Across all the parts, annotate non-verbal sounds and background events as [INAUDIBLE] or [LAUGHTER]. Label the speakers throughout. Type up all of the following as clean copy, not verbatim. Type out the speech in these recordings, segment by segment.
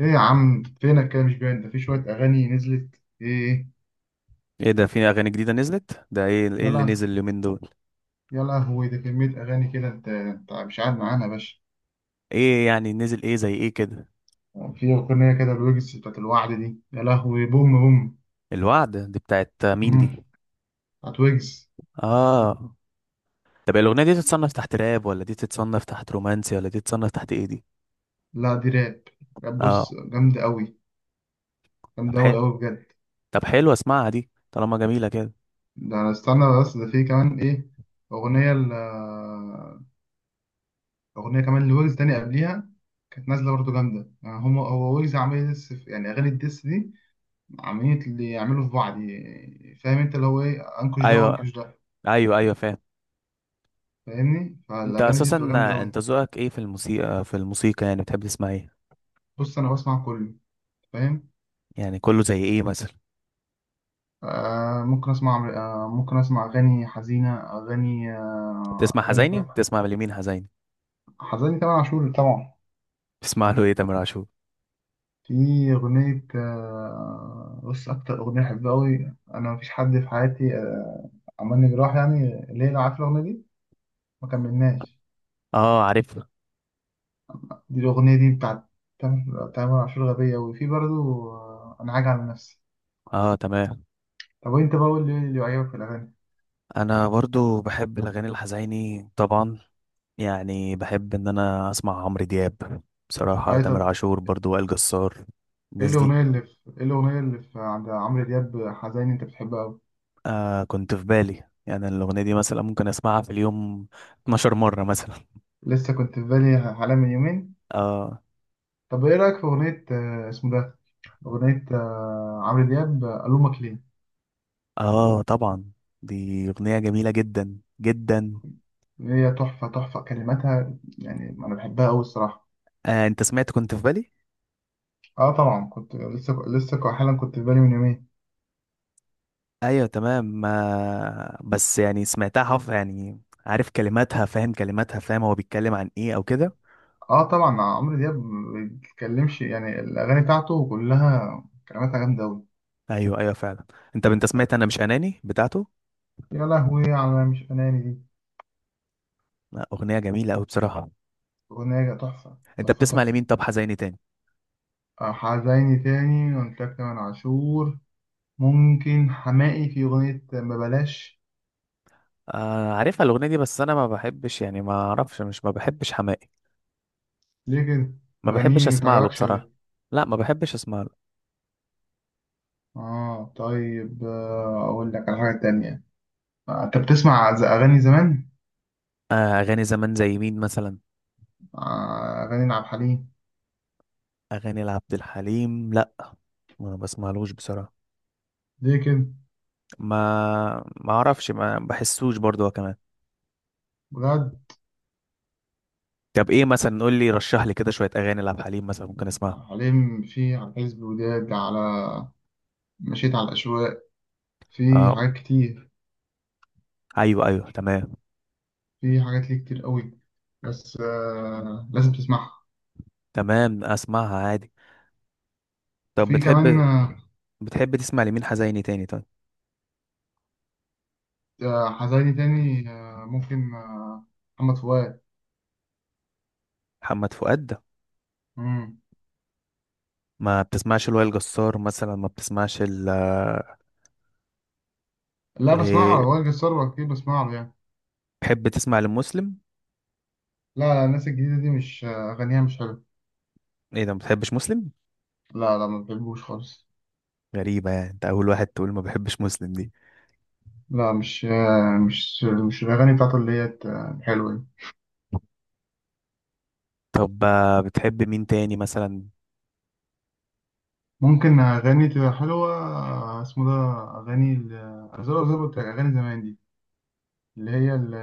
Speaker 1: ايه يا عم، فينك كده؟ مش باين. ده في شوية أغاني نزلت. ايه؟
Speaker 2: ايه ده؟ في اغاني جديده نزلت. ده ايه؟ ايه اللي
Speaker 1: يلا،
Speaker 2: نزل اليومين دول؟
Speaker 1: يلا هو ده كمية أغاني كده. انت مش قاعد معانا يا باشا.
Speaker 2: ايه يعني؟ نزل ايه زي ايه كده؟
Speaker 1: في أغنية كده الويجز بتاعت الوعد دي، يا لهوي بوم بوم.
Speaker 2: الوعد دي بتاعت مين دي؟
Speaker 1: مم. بتاعت ويجز.
Speaker 2: اه، طب الاغنيه دي تتصنف تحت راب، ولا دي تتصنف تحت رومانسي، ولا دي تتصنف تحت ايه دي؟
Speaker 1: لا دي راب. راب، بص
Speaker 2: اه،
Speaker 1: جامدة أوي.
Speaker 2: طب
Speaker 1: جامدة أوي
Speaker 2: حلو.
Speaker 1: أوي بجد.
Speaker 2: طب حلو، اسمعها دي طالما جميله كده.
Speaker 1: ده أنا استنى، بس ده في كمان ايه؟ أغنية ال أغنية كمان لويجز تاني قبليها، كانت نازلة برضه جامدة. يعني هما، هو ويجز عامل لسه يعني أغاني الديس دي، عاملين اللي يعملوا في بعض. فاهم انت اللي هو ايه؟ انكش ده
Speaker 2: ايوه،
Speaker 1: وانكش ده.
Speaker 2: ايوه، ايوه، فاهم.
Speaker 1: فاهمني؟
Speaker 2: انت
Speaker 1: فالاغاني دي
Speaker 2: اساسا
Speaker 1: بتبقى جامده قوي.
Speaker 2: انت ذوقك ايه في الموسيقى يعني، بتحب تسمع ايه؟
Speaker 1: بص انا بسمع كله، فاهم.
Speaker 2: يعني كله زي ايه مثلا؟
Speaker 1: ممكن اسمع اغاني حزينه، اغاني، اغاني
Speaker 2: بتسمع لمين حزيني؟
Speaker 1: حزينه، تامر عاشور طبعا.
Speaker 2: بتسمع له ايه تامر عاشور؟
Speaker 1: في اغنيه، بص اكتر اغنيه بحبها قوي، انا مفيش حد في حياتي، عملني جراح. يعني ليه؟ عارف الاغنيه دي؟ ما كملناش.
Speaker 2: اه، عارفها.
Speaker 1: دي الاغنيه دي بتاعت تامر عاشور، غبيه. وفي برضه، انا عاجي على نفسي.
Speaker 2: اه، تمام.
Speaker 1: طب وانت بقى قول لي، ايه اللي عجبك في الاغاني؟
Speaker 2: انا برضو بحب الاغاني الحزيني طبعا. يعني بحب ان انا اسمع عمرو دياب، بصراحه
Speaker 1: اي طب،
Speaker 2: تامر عاشور برضو، وائل جسار، الناس دي.
Speaker 1: ايه الاغنيه اللي في عند عمرو دياب حزين انت بتحبها قوي؟
Speaker 2: آه، كنت في بالي، يعني الاغنيه دي مثلا ممكن اسمعها في اليوم 12 مره مثلا. [LAUGHS]
Speaker 1: لسه كنت في بالي حالا من يومين.
Speaker 2: اه.
Speaker 1: طب ايه رايك في اغنيه، اسمه ده، اغنيه، عمرو دياب، الومك ليه؟
Speaker 2: اه طبعا، دي اغنيه جميله جدا جدا.
Speaker 1: اللي هي تحفه، تحفه كلماتها، يعني انا بحبها قوي الصراحه.
Speaker 2: آه، انت سمعت كنت في بالي؟
Speaker 1: اه طبعا كنت حالا كنت في بالي من يومين.
Speaker 2: ايوه، تمام. آه بس يعني سمعتها حف يعني، عارف كلماتها، فاهم كلماتها، فاهم هو بيتكلم عن ايه او كده.
Speaker 1: اه طبعا عمرو دياب ما بيتكلمش، يعني الاغاني بتاعته كلها كلماتها جامده قوي.
Speaker 2: ايوه ايوه فعلا. انت سمعت انا مش اناني بتاعته؟
Speaker 1: يا لهوي على مش اناني دي.
Speaker 2: لا، اغنيه جميله قوي بصراحه.
Speaker 1: أغنية تحفة
Speaker 2: انت
Speaker 1: تحفة
Speaker 2: بتسمع لمين
Speaker 1: تحفة.
Speaker 2: طب حزيني تاني؟
Speaker 1: حزيني تاني قلت لك تامر عاشور. ممكن حماقي في أغنية ما بلاش.
Speaker 2: آه، عارفها الاغنيه دي، بس انا ما بحبش، يعني ما اعرفش، مش ما بحبش حماقي.
Speaker 1: ليه كده؟
Speaker 2: ما بحبش
Speaker 1: أغانيه
Speaker 2: اسمع له
Speaker 1: متعجبكش ولا
Speaker 2: بصراحه.
Speaker 1: إيه؟
Speaker 2: لا، ما بحبش اسمع له.
Speaker 1: طيب، أقول لك على حاجة تانية. أنت بتسمع أغاني زمان؟
Speaker 2: آه، اغاني زمان زي مين مثلا؟
Speaker 1: أغاني عبد الحليم.
Speaker 2: اغاني لعبد الحليم؟ لا، ما بسمعلوش بصراحه.
Speaker 1: ليه كده؟
Speaker 2: ما ما اعرفش، ما بحسوش برضه هو كمان.
Speaker 1: بجد؟
Speaker 2: طب ايه مثلا؟ قول لي، رشح لي كده شويه اغاني لعبد الحليم مثلا ممكن
Speaker 1: عبد
Speaker 2: اسمعها.
Speaker 1: الحليم في على حزب وداد، على مشيت على الأشواق، في
Speaker 2: اه،
Speaker 1: حاجات كتير.
Speaker 2: ايوه ايوه تمام.
Speaker 1: في حاجات ليه كتير قوي. بس لازم تسمعها.
Speaker 2: تمام، اسمعها عادي. طب
Speaker 1: وفي كمان،
Speaker 2: بتحب بتحب تسمع لمين حزيني تاني طيب؟
Speaker 1: حزيني تاني، ممكن، محمد فؤاد.
Speaker 2: محمد فؤاد ده؟
Speaker 1: مم.
Speaker 2: ما بتسمعش لوائل جسار مثلا؟ ما بتسمعش ال
Speaker 1: لا بسمعه،
Speaker 2: ل-
Speaker 1: وائل جسار كتير بسمعه يعني.
Speaker 2: بتحب تسمع لمسلم؟
Speaker 1: لا لا، الناس الجديدة دي مش، أغانيها مش حلوة.
Speaker 2: ايه ده، ما بتحبش مسلم؟
Speaker 1: لا لا، ما بحبوش خالص.
Speaker 2: غريبة، يعني انت اول واحد تقول ما بحبش مسلم دي.
Speaker 1: لا مش، مش الأغاني بتاعته اللي هي، الحلوة دي.
Speaker 2: طب بتحب مين تاني مثلا؟
Speaker 1: ممكن أغاني تبقى حلوة، اسمه ده، زي ما قلت لك، أغاني زمان دي، اللي هي ال-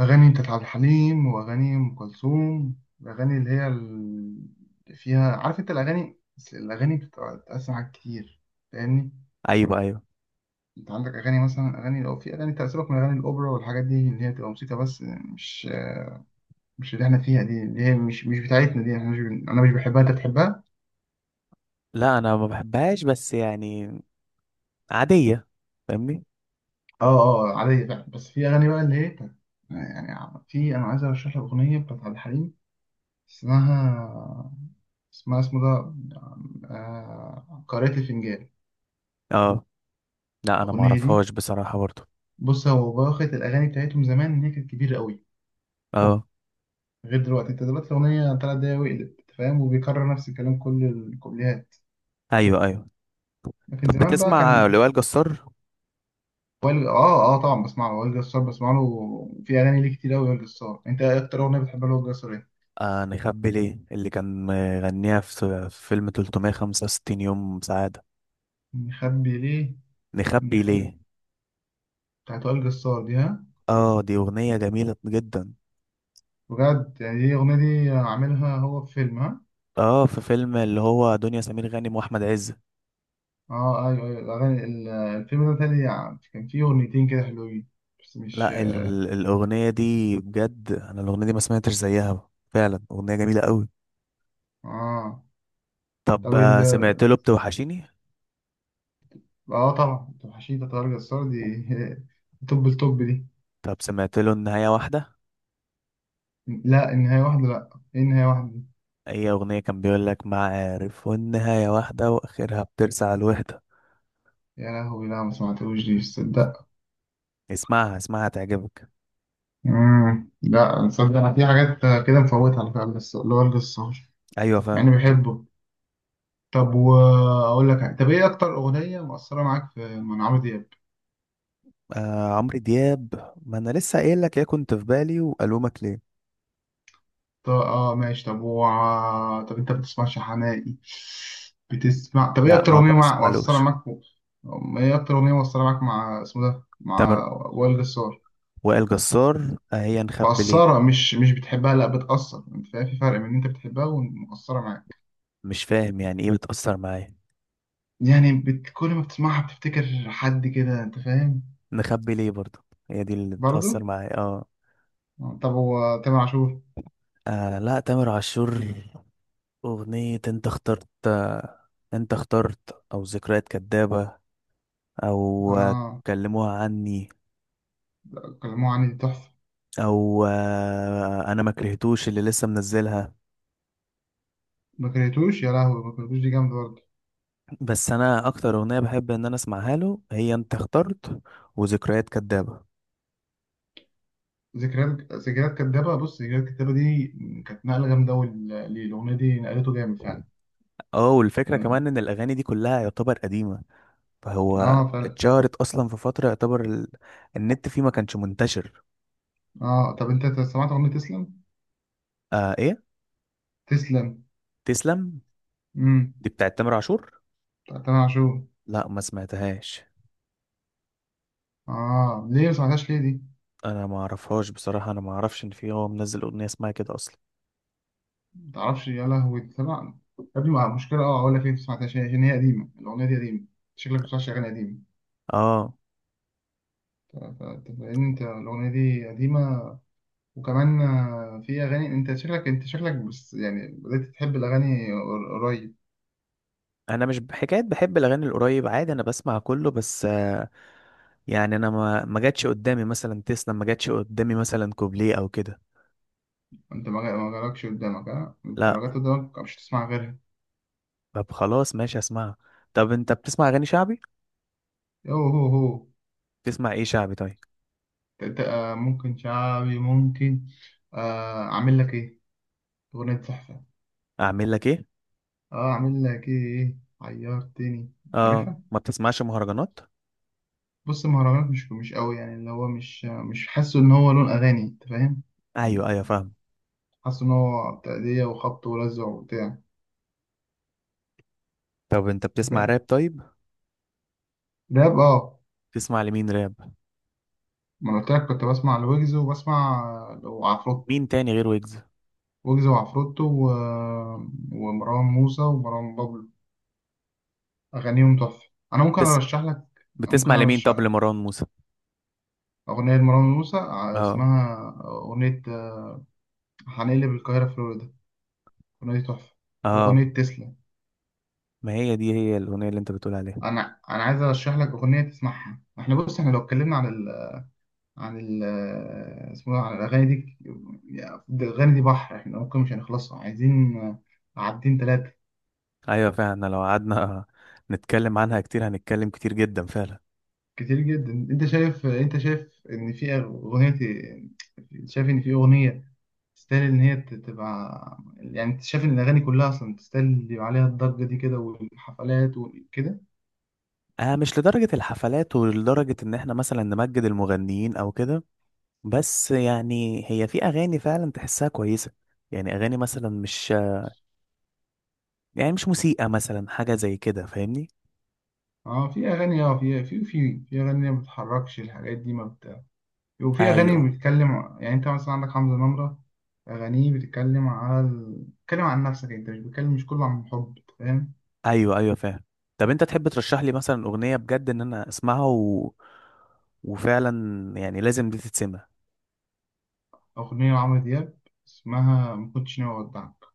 Speaker 1: أغاني بتاعت عبد الحليم، وأغاني أم كلثوم. الأغاني اللي هي اللي فيها، عارف أنت الأغاني، بس الأغاني بتتقسم حاجات كتير، فاهمني؟
Speaker 2: ايوه ايوه.
Speaker 1: أنت عندك أغاني مثلا، أغاني، أو في أغاني تأثيرك من أغاني الأوبرا والحاجات دي، اللي هي بتبقى موسيقى بس، مش مش اللي إحنا فيها دي، اللي هي مش بتاعتنا دي. إحنا مش، أنا مش بحبها، أنت بتحبها؟
Speaker 2: لا انا ما بحبهاش، بس يعني عادية، فاهمني.
Speaker 1: أه. أه عادية فعلا، بس في أغاني بقى اللي هي يعني في، أنا عايز أرشح لك أغنية بتاعت عبد الحليم، اسمها اسمها اسمه ده، قارئة الفنجان.
Speaker 2: اه. لا انا ما
Speaker 1: الأغنية دي،
Speaker 2: اعرفهاش بصراحة برضه.
Speaker 1: بص هو باخد الأغاني بتاعتهم زمان، إن هي كانت كبيرة قوي،
Speaker 2: اه،
Speaker 1: غير دلوقتي. أنت دلوقتي الأغنية 3 دقايق وقلب، أنت فاهم، وبيكرر نفس الكلام كل الكوبليهات.
Speaker 2: ايوه ايوه.
Speaker 1: لكن
Speaker 2: طب
Speaker 1: زمان بقى
Speaker 2: بتسمع
Speaker 1: كان،
Speaker 2: لوائل جسار؟
Speaker 1: وائل، طبعا بسمع له، وائل جسار بسمع له في أغاني ليه كتير أوي، وائل جسار. أنت إيه أكتر أغنية بتحبها لوائل جسار، إيه؟
Speaker 2: آه، نخبي ليه، اللي كان مغنيها في في فيلم 365 يوم سعادة.
Speaker 1: مخبي ليه؟
Speaker 2: نخبي
Speaker 1: مخبي،
Speaker 2: ليه.
Speaker 1: بتاعت وائل جسار دي، ها؟
Speaker 2: اه، دي أغنية جميلة جدا.
Speaker 1: بجد؟ يعني دي الأغنية دي عاملها هو في فيلم، ها؟
Speaker 2: اه، في فيلم اللي هو دنيا سمير غانم وأحمد عز.
Speaker 1: أيوه أيوه، الفيلم ده تاني يعني كان فيه أغنيتين كده حلوين، بس مش،
Speaker 2: لا ال اه ال- الأغنية دي بجد، أنا الأغنية دي ما سمعتش زيها فعلا، أغنية جميلة قوي.
Speaker 1: آه
Speaker 2: طب
Speaker 1: طب ال،
Speaker 2: سمعت له بتوحشيني؟
Speaker 1: اه طبعا توحشيتا طارق جسار دي. [LAUGHS] توب التوب دي.
Speaker 2: طب سمعت له النهاية واحدة؟
Speaker 1: لا النهاية واحدة، لا ايه النهاية واحدة دي؟
Speaker 2: أي أغنية كان بيقول لك معارف، والنهاية واحدة، وآخرها بترسى على الوحدة.
Speaker 1: يا لهوي، لا ما سمعتوش دي، تصدق.
Speaker 2: اسمعها اسمعها، تعجبك.
Speaker 1: لا تصدق، انا في حاجات كده مفوتها على فكرة، بس اللي هو الجسار
Speaker 2: أيوة فعلا.
Speaker 1: يعني بحبه. طب واقول لك حاجة. طب ايه اكتر اغنية مؤثرة معاك في من عمرو دياب؟
Speaker 2: آه، عمرو دياب، ما انا لسه قايل لك يا كنت في بالي والومك ليه.
Speaker 1: طب اه ماشي، طب و... طب انت بتسمعش حماقي؟ بتسمع؟ طب ايه
Speaker 2: لا،
Speaker 1: اكتر
Speaker 2: ما
Speaker 1: اغنية، مؤثرة
Speaker 2: بسمعلوش.
Speaker 1: معاك، ايه اكتر اغنية مؤثرة معاك مع اسمه ده،
Speaker 2: تامر.
Speaker 1: مع وائل جسار؟
Speaker 2: وائل جسار. آه، هي نخبي ليه.
Speaker 1: مقصرة، مش بتحبها، لا بتأثر، انت فاهم؟ في فرق بين ان انت بتحبها ومقصرة معاك.
Speaker 2: مش فاهم يعني ايه بتأثر معايا.
Speaker 1: يعني كل ما بتسمعها بتفتكر حد كده، انت فاهم.
Speaker 2: نخبي ليه برضه، هي دي اللي بتأثر
Speaker 1: برضو،
Speaker 2: معايا اه.
Speaker 1: طب هو تامر عاشور،
Speaker 2: آه لا، تامر عاشور. أغنية انت اخترت، انت اخترت او ذكريات كدابة، او
Speaker 1: اه
Speaker 2: كلموها عني،
Speaker 1: كلموه عني دي تحفة.
Speaker 2: او انا ما كرهتوش اللي لسه منزلها.
Speaker 1: ما كرهتوش، يا لهوي ما كرهتوش دي جامدة برضه.
Speaker 2: بس انا اكتر اغنيه بحب ان انا اسمعها له هي انت اخترت وذكريات كدابه.
Speaker 1: ذكريات كدابة، بص ذكريات كدابة دي كانت نقلة جامدة أوي للأغنية دي، نقلته جامد فعلا.
Speaker 2: اه، والفكره
Speaker 1: اه،
Speaker 2: كمان ان الاغاني دي كلها يعتبر قديمه، فهو
Speaker 1: فعلا.
Speaker 2: اتشهرت اصلا في فتره يعتبر النت فيه ما كانش منتشر.
Speaker 1: اه طب انت سمعت أغنية تسلم؟
Speaker 2: آه، ايه
Speaker 1: تسلم.
Speaker 2: تسلم؟
Speaker 1: امم.
Speaker 2: دي بتاعت تامر عاشور.
Speaker 1: بتاعت تامر عاشور.
Speaker 2: لا، ما سمعتهاش.
Speaker 1: اه، ليه ما سمعتهاش ليه دي؟
Speaker 2: انا ما اعرفهاش بصراحه، انا ما اعرفش ان في هو منزل اغنيه اسمها كده اصلا.
Speaker 1: ما تعرفش؟ يا لهوي تسمع. يا ابني مع مشكلة، اه اقول لك ايه، ما سمعتهاش عشان هي قديمة، الأغنية دي قديمة. شكلك ما بتسمعش أغاني قديمة.
Speaker 2: اه.
Speaker 1: ف- ف- لأن أنت الأغنية دي قديمة، وكمان في أغاني. أنت شكلك، بس يعني بدأت تحب الأغاني، قريب.
Speaker 2: انا مش بحكايه بحب الاغاني القريب، عادي انا بسمع كله، بس يعني انا ما جاتش قدامي مثلا تسلا، ما جاتش قدامي مثلا كوبليه او كده.
Speaker 1: أنت ما جالكش قدامك، ها؟ أنت
Speaker 2: لا.
Speaker 1: لو جت قدامك مش هتسمع غيرها.
Speaker 2: طب خلاص ماشي، اسمعها. طب انت بتسمع اغاني شعبي؟
Speaker 1: يو هو هو.
Speaker 2: بتسمع ايه شعبي طيب؟
Speaker 1: أنت ممكن شعبي، ممكن، أعمل لك إيه، أغنية تحفة.
Speaker 2: اعمل لك ايه.
Speaker 1: أعمل لك إيه عيرتني، مش
Speaker 2: اه،
Speaker 1: عارفها.
Speaker 2: ما بتسمعش مهرجانات.
Speaker 1: بص المهرجانات مش قوي، يعني اللي هو مش حاسه ان هو لون اغاني، انت فاهم؟
Speaker 2: ايوه ايوه فاهم.
Speaker 1: حاسه ان هو تأدية وخبط ولزع وبتاع،
Speaker 2: طب انت
Speaker 1: انت
Speaker 2: بتسمع
Speaker 1: فاهم.
Speaker 2: راب طيب؟
Speaker 1: راب اه،
Speaker 2: بتسمع لمين راب؟
Speaker 1: ما أنا قلت لك كنت بسمع لويجز، وبسمع وعفروتو،
Speaker 2: مين تاني غير ويجز؟
Speaker 1: ويجز وعفروتو و... ومروان موسى ومروان بابلو، اغانيهم تحفة. انا ممكن
Speaker 2: بتس...
Speaker 1: ارشح لك، ممكن
Speaker 2: بتسمع لمين طب
Speaker 1: ارشح
Speaker 2: لمروان موسى؟
Speaker 1: اغنية مروان موسى،
Speaker 2: اه.
Speaker 1: اسمها، اغنية هنقلب القاهرة فلوريدا، اغنية تحفة،
Speaker 2: اه،
Speaker 1: واغنية تسلا.
Speaker 2: ما هي دي هي الاغنيه اللي انت بتقول عليها.
Speaker 1: انا عايز ارشح لك اغنيه تسمعها. احنا بص، احنا لو اتكلمنا عن ال اسمه ده، عن الاغاني دي، ده الاغاني دي بحر، احنا ممكن مش هنخلصها، عايزين عدين ثلاثه.
Speaker 2: ايوه فعلا، لو قعدنا نتكلم عنها كتير، هنتكلم كتير جدا فعلا.
Speaker 1: كتير جدا. انت شايف ان في اغنيه، شايف ان في اغنيه تستاهل ان هي تبقى، يعني انت شايف ان الاغاني كلها اصلا تستاهل اللي يبقى عليها الضجه دي كده والحفلات وكده؟
Speaker 2: آه، مش لدرجة الحفلات ولدرجة إن إحنا مثلا نمجد المغنيين أو كده، بس يعني هي في أغاني فعلا تحسها كويسة. يعني أغاني مثلا مش، يعني مش موسيقى مثلا حاجة زي كده، فاهمني؟
Speaker 1: اه في اغاني، في اغاني ما بتتحركش الحاجات دي، ما بت وفي أغاني
Speaker 2: أيوه
Speaker 1: بتتكلم يعني. أنت مثلا عندك حمزة نمرة، أغانيه بتتكلم على بتتكلم عن نفسك أنت، مش بتتكلم مش كله عن حب، فاهم.
Speaker 2: أيوه. أيوه فاهم. طب أنت تحب ترشح لي مثلا أغنية بجد إن أنا أسمعها و... وفعلا يعني لازم دي تتسمع.
Speaker 1: أغنية لعمرو دياب، اسمها ما كنتش ناوي أودعك.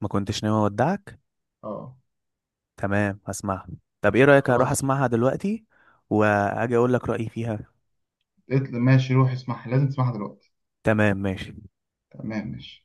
Speaker 2: ما كنتش ناوي أودعك؟
Speaker 1: أه.
Speaker 2: تمام، هسمعها. طب إيه رأيك أروح
Speaker 1: خلاص.
Speaker 2: أسمعها دلوقتي وأجي أقول لك رأيي فيها؟
Speaker 1: ماشي روح اسمعها، لازم تسمعها دلوقتي.
Speaker 2: تمام ماشي.
Speaker 1: تمام ماشي.